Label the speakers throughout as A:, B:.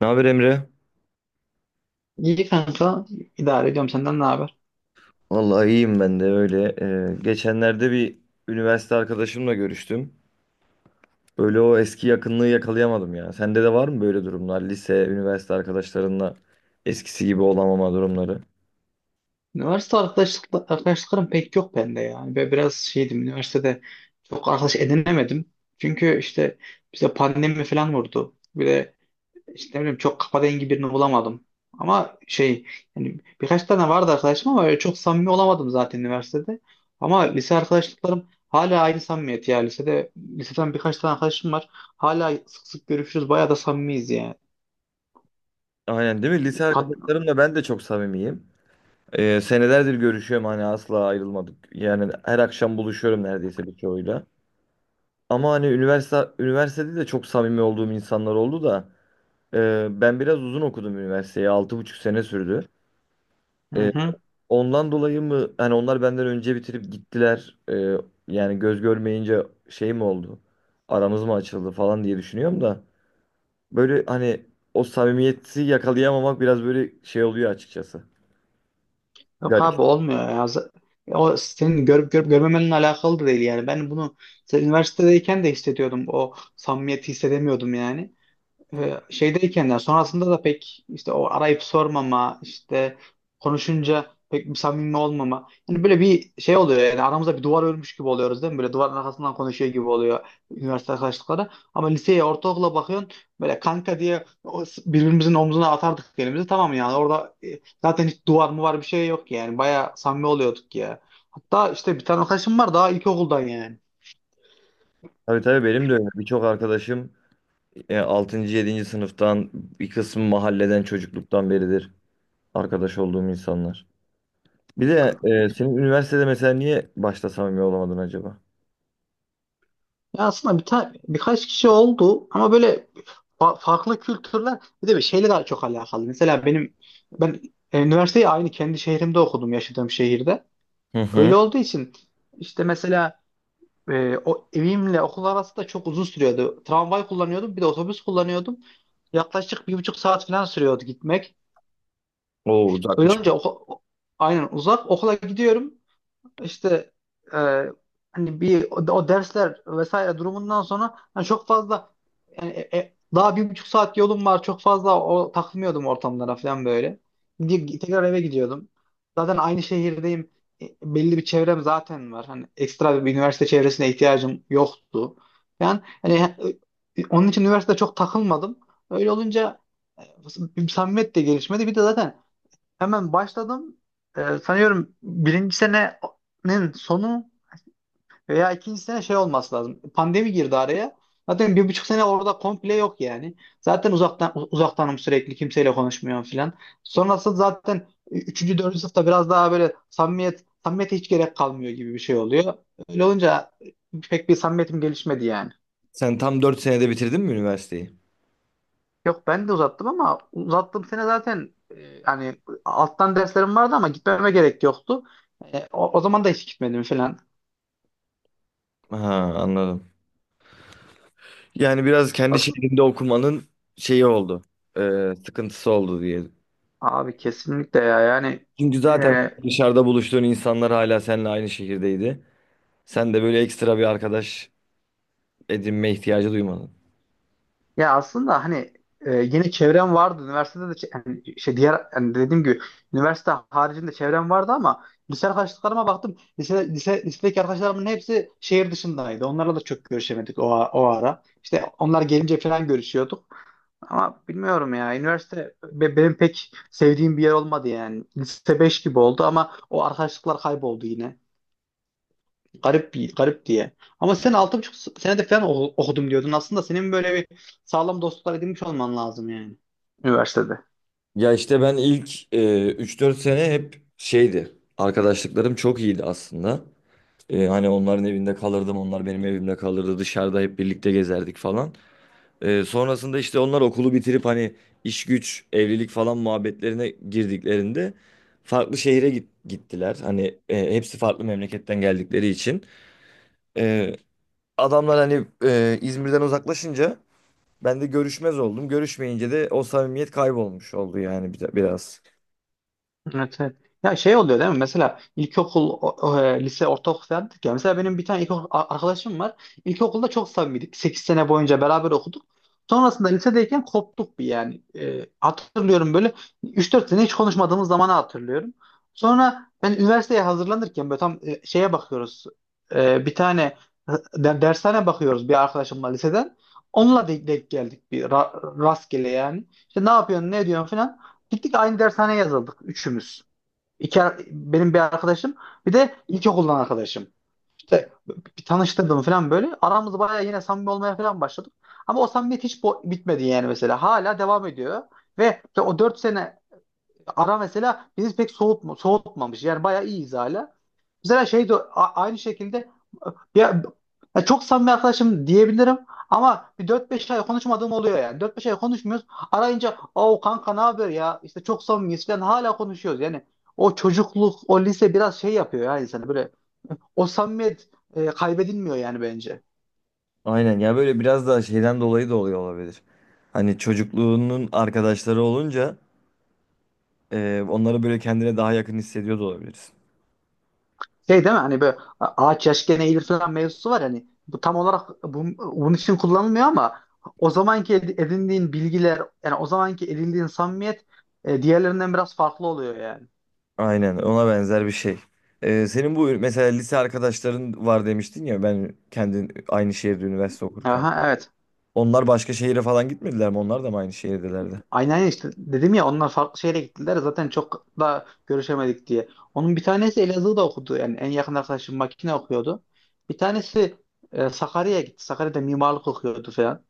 A: Ne haber Emre?
B: İyi kanka idare ediyorum senden ne haber?
A: Vallahi iyiyim ben de öyle. Geçenlerde bir üniversite arkadaşımla görüştüm. Böyle o eski yakınlığı yakalayamadım ya. Sende de var mı böyle durumlar? Lise, üniversite arkadaşlarınla eskisi gibi olamama durumları.
B: Üniversite arkadaşlıklarım pek yok bende yani. Ve biraz şeydim üniversitede çok arkadaş edinemedim. Çünkü işte bize pandemi falan vurdu. Bir de işte ne bileyim çok kafa dengi birini bulamadım. Ama şey yani birkaç tane vardı arkadaşım ama öyle çok samimi olamadım zaten üniversitede. Ama lise arkadaşlıklarım hala aynı samimiyet ya. Lisede, liseden birkaç tane arkadaşım var. Hala sık sık görüşürüz. Bayağı da samimiyiz yani.
A: Aynen değil mi? Lise
B: Hat-
A: arkadaşlarımla ben de çok samimiyim. Senelerdir görüşüyorum hani asla ayrılmadık. Yani her akşam buluşuyorum neredeyse birçoğuyla. Ama hani üniversitede de çok samimi olduğum insanlar oldu da ben biraz uzun okudum üniversiteyi. 6,5 sene sürdü.
B: Hı
A: E,
B: hı.
A: Ondan dolayı mı hani onlar benden önce bitirip gittiler, yani göz görmeyince şey mi oldu, aramız mı açıldı falan diye düşünüyorum da böyle hani o samimiyeti yakalayamamak biraz böyle şey oluyor açıkçası.
B: Yok
A: Garip.
B: abi olmuyor ya. O senin görüp görüp görmemenle alakalı da değil yani. Ben bunu üniversitedeyken de hissediyordum. O samimiyeti hissedemiyordum yani şeydeyken yani sonrasında da pek işte o arayıp sormama işte konuşunca pek bir samimi olmama yani böyle bir şey oluyor yani aramızda bir duvar örmüş gibi oluyoruz değil mi, böyle duvarın arkasından konuşuyor gibi oluyor üniversite arkadaşlıkları. Ama liseye ortaokula bakıyorsun böyle kanka diye birbirimizin omzuna atardık elimizi, tamam yani orada, zaten hiç duvar mı var, bir şey yok yani baya samimi oluyorduk ya. Hatta işte bir tane arkadaşım var daha ilkokuldan yani.
A: Tabii tabii benim de öyle. Birçok arkadaşım, 6. 7. sınıftan bir kısmı mahalleden çocukluktan beridir arkadaş olduğum insanlar. Bir de senin üniversitede mesela niye başta samimi olamadın acaba?
B: Ya aslında bir tane birkaç kişi oldu ama böyle farklı kültürler, bir de bir şeyle daha çok alakalı. Mesela ben üniversiteyi aynı kendi şehrimde okudum, yaşadığım şehirde.
A: Hı hı.
B: Öyle olduğu için işte mesela o evimle okul arası da çok uzun sürüyordu. Tramvay kullanıyordum, bir de otobüs kullanıyordum. Yaklaşık 1,5 saat falan sürüyordu gitmek.
A: Oo
B: Öyle
A: uzakmış.
B: olunca aynen uzak okula gidiyorum. İşte e, hani bir o dersler vesaire durumundan sonra hani çok fazla yani, daha 1,5 saat yolum var, çok fazla o takılmıyordum ortamlara falan böyle. Gidip tekrar eve gidiyordum. Zaten aynı şehirdeyim. E, Belli bir çevrem zaten var. Hani ekstra bir üniversite çevresine ihtiyacım yoktu. Yani hani onun için üniversitede çok takılmadım. Öyle olunca samimiyet de gelişmedi. Bir de zaten hemen başladım. Sanıyorum birinci senenin sonu veya ikinci sene şey olması lazım. Pandemi girdi araya. Zaten 1,5 sene orada komple yok yani. Zaten uzaktan uzaktanım, sürekli kimseyle konuşmuyorum filan. Sonrasında zaten üçüncü, dördüncü sınıfta biraz daha böyle samimiyete hiç gerek kalmıyor gibi bir şey oluyor. Öyle olunca pek bir samimiyetim gelişmedi yani.
A: Sen tam 4 senede bitirdin mi üniversiteyi?
B: Yok ben de uzattım ama uzattığım sene zaten, hani alttan derslerim vardı ama gitmeme gerek yoktu. O zaman da hiç gitmedim falan.
A: Ha, anladım. Yani biraz kendi
B: Asıl,
A: şehrinde okumanın şeyi oldu. e, sıkıntısı oldu diye.
B: Abi kesinlikle ya yani,
A: Çünkü
B: e,
A: zaten dışarıda buluştuğun insanlar hala seninle aynı şehirdeydi. Sen de böyle ekstra bir arkadaş edinme ihtiyacı duymadın.
B: ya aslında hani, yine çevrem vardı. Üniversitede de hani şey, diğer hani dediğim gibi üniversite haricinde çevrem vardı ama lise arkadaşlarıma baktım. Lisedeki arkadaşlarımın hepsi şehir dışındaydı. Onlarla da çok görüşemedik o, o ara. İşte onlar gelince falan görüşüyorduk. Ama bilmiyorum ya. Üniversite benim pek sevdiğim bir yer olmadı yani. Lise 5 gibi oldu ama o arkadaşlıklar kayboldu yine. Garip, bir garip diye. Ama sen 6,5 senede falan okudum diyordun. Aslında senin böyle bir sağlam dostluklar edinmiş olman lazım yani üniversitede.
A: Ya işte ben ilk, 3-4 sene hep şeydi. Arkadaşlıklarım çok iyiydi aslında. Hani onların evinde kalırdım, onlar benim evimde kalırdı. Dışarıda hep birlikte gezerdik falan. Sonrasında işte onlar okulu bitirip hani iş güç, evlilik falan muhabbetlerine girdiklerinde farklı şehire gittiler. Hani, hepsi farklı memleketten geldikleri için. Ee, adamlar hani, İzmir'den uzaklaşınca ben de görüşmez oldum. Görüşmeyince de o samimiyet kaybolmuş oldu yani biraz.
B: Evet, evet. Ya şey oluyor değil mi? Mesela ilkokul, lise, ortaokul falan dedik ya. Mesela benim bir tane ilkokul arkadaşım var. İlkokulda çok samimiydik. 8 sene boyunca beraber okuduk. Sonrasında lisedeyken koptuk bir yani. E, hatırlıyorum böyle 3-4 sene hiç konuşmadığımız zamanı hatırlıyorum. Sonra ben üniversiteye hazırlanırken böyle tam, şeye bakıyoruz. E, bir tane dershane bakıyoruz bir arkadaşımla liseden. Onunla denk geldik bir rastgele yani. İşte ne yapıyorsun, ne ediyorsun falan. Gittik aynı dershaneye yazıldık üçümüz. Benim bir arkadaşım, bir de ilkokuldan arkadaşım. İşte bir tanıştırdım falan böyle. Aramız bayağı yine samimi olmaya falan başladık. Ama o samimiyet hiç bitmedi yani mesela. Hala devam ediyor. Ve işte o 4 sene ara mesela bizi pek soğutmamış. Yani bayağı iyiyiz hala. Mesela şey de aynı şekilde, ya, ya çok samimi arkadaşım diyebilirim ama bir 4-5 ay konuşmadığım oluyor yani. 4-5 ay konuşmuyoruz. Arayınca o, kanka ne haber ya? İşte çok samimiyiz falan, hala konuşuyoruz. Yani o çocukluk, o lise biraz şey yapıyor ya insanı, böyle o samimiyet kaybedilmiyor yani bence.
A: Aynen ya, böyle biraz daha şeyden dolayı da oluyor olabilir. Hani çocukluğunun arkadaşları olunca, onları böyle kendine daha yakın hissediyor da olabilir.
B: Şey değil mi hani, böyle ağaç yaşken eğilir falan mevzusu var hani, bu tam olarak bu, bunun için kullanılmıyor ama o zamanki edindiğin bilgiler, yani o zamanki edindiğin samimiyet diğerlerinden biraz farklı oluyor yani.
A: Aynen ona benzer bir şey. Senin bu mesela lise arkadaşların var demiştin ya, ben kendin aynı şehirde üniversite okurken.
B: Aha evet.
A: Onlar başka şehire falan gitmediler mi? Onlar da mı aynı şehirdelerdi?
B: Aynen aynen, işte dedim ya onlar farklı şehre gittiler zaten, çok da görüşemedik diye. Onun bir tanesi Elazığ'da okudu yani, en yakın arkadaşım makine okuyordu. Bir tanesi Sakarya'ya gitti. Sakarya'da mimarlık okuyordu falan.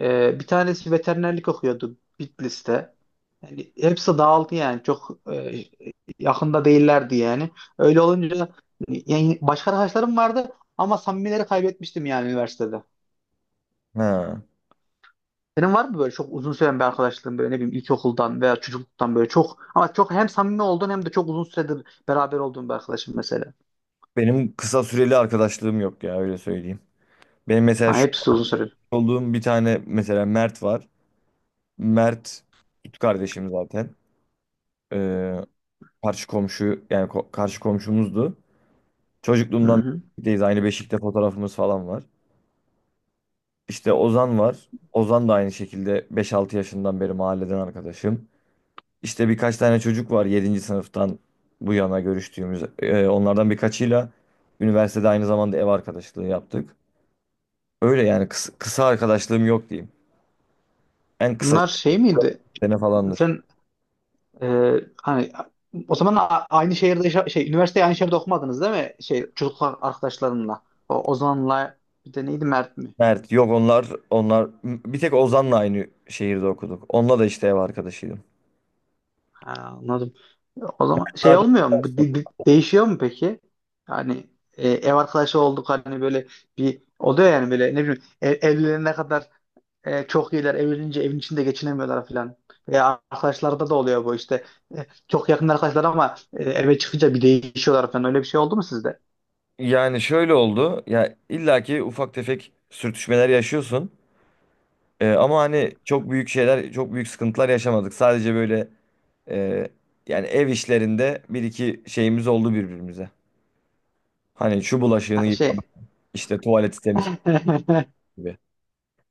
B: Bir tanesi veterinerlik okuyordu Bitlis'te. Yani hepsi dağıldı yani, çok yakında değillerdi yani. Öyle olunca yani başka arkadaşlarım vardı ama samimileri kaybetmiştim yani üniversitede.
A: Ha.
B: Senin var mı böyle çok uzun süren bir arkadaşlığın, böyle ne bileyim ilkokuldan veya çocukluktan, böyle çok ama çok hem samimi olduğun hem de çok uzun süredir beraber olduğun bir arkadaşın mesela?
A: Benim kısa süreli arkadaşlığım yok ya, öyle söyleyeyim. Benim mesela
B: Ha,
A: şu
B: hepsi uzun süredir.
A: an olduğum bir tane mesela Mert var. Mert süt kardeşim zaten. Ee, karşı komşu yani karşı komşumuzdu.
B: Hı
A: Çocukluğumdan
B: hı.
A: birlikteyiz, aynı beşikte fotoğrafımız falan var. İşte Ozan var. Ozan da aynı şekilde 5-6 yaşından beri mahalleden arkadaşım. İşte birkaç tane çocuk var yedinci sınıftan bu yana görüştüğümüz. Onlardan birkaçıyla üniversitede aynı zamanda ev arkadaşlığı yaptık. Öyle yani, kısa, kısa arkadaşlığım yok diyeyim. En kısa
B: Bunlar şey miydi?
A: sene falandır.
B: Sen, hani o zaman aynı şehirde şey, üniversiteyi aynı şehirde okumadınız değil mi? Şey çocukluk arkadaşlarınla. O Ozan'la, bir de neydi, Mert mi?
A: Mert yok, onlar bir tek Ozan'la aynı şehirde okuduk. Onunla da işte ev arkadaşıydım.
B: Ha, anladım. O zaman şey
A: Zaten
B: olmuyor mu? Bu değişiyor mu peki? Yani ev arkadaşı olduk hani, böyle bir oluyor yani, böyle ne bileyim evlenene kadar çok iyiler, evlenince evin içinde geçinemiyorlar falan. Veya arkadaşlarda da oluyor bu işte. Çok yakın arkadaşlar ama eve çıkınca bir değişiyorlar falan. Öyle bir şey oldu mu sizde?
A: yani şöyle oldu. Ya illaki ufak tefek sürtüşmeler yaşıyorsun. Ama hani çok büyük şeyler, çok büyük sıkıntılar yaşamadık. Sadece böyle, e, yani ev işlerinde bir iki şeyimiz oldu birbirimize. Hani şu bulaşığını
B: Ha,
A: yıkamak,
B: şey
A: işte tuvaleti temiz tutmak gibi.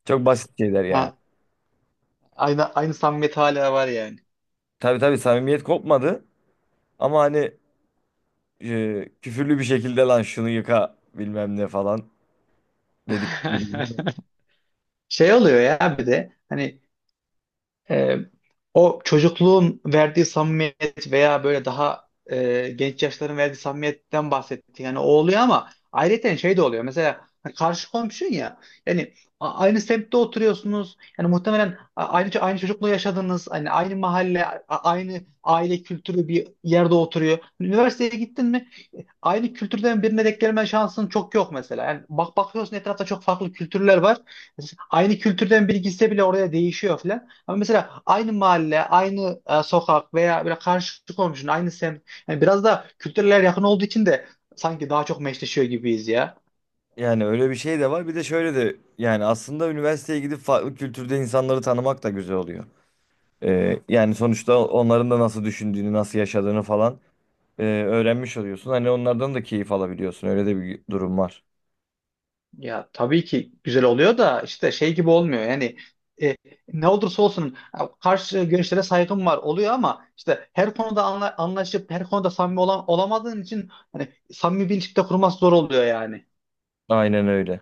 A: Çok basit şeyler yani.
B: ha, aynı aynı samimiyet hala var yani.
A: Tabii tabii samimiyet kopmadı, ama hani, küfürlü bir şekilde lan şunu yıka bilmem ne falan dedik.
B: Şey oluyor ya bir de hani, e, o çocukluğun verdiği samimiyet veya böyle daha genç yaşların verdiği samimiyetten bahsettik. Yani o oluyor ama ayrıca şey de oluyor. Mesela hani karşı komşun ya. Yani aynı semtte oturuyorsunuz. Yani muhtemelen aynı çocukluğu yaşadınız. Hani aynı mahalle, aynı aile kültürü bir yerde oturuyor. Üniversiteye gittin mi aynı kültürden birine denk gelme şansın çok yok mesela. Yani bak bakıyorsun etrafta çok farklı kültürler var. Mesela aynı kültürden biri gitse bile oraya değişiyor falan. Ama mesela aynı mahalle, aynı sokak veya böyle karşı komşunun aynı semt. Yani biraz da kültürler yakın olduğu için de sanki daha çok meşleşiyor gibiyiz ya.
A: Yani öyle bir şey de var. Bir de şöyle de, yani aslında üniversiteye gidip farklı kültürde insanları tanımak da güzel oluyor. Yani sonuçta onların da nasıl düşündüğünü, nasıl yaşadığını falan, öğrenmiş oluyorsun. Hani onlardan da keyif alabiliyorsun. Öyle de bir durum var.
B: Ya tabii ki güzel oluyor da işte şey gibi olmuyor yani, e, ne olursa olsun ya, karşı görüşlere saygım var oluyor ama işte her konuda anlaşıp her konuda samimi olamadığın için hani samimi bir ilişki de kurması zor oluyor yani.
A: Aynen öyle.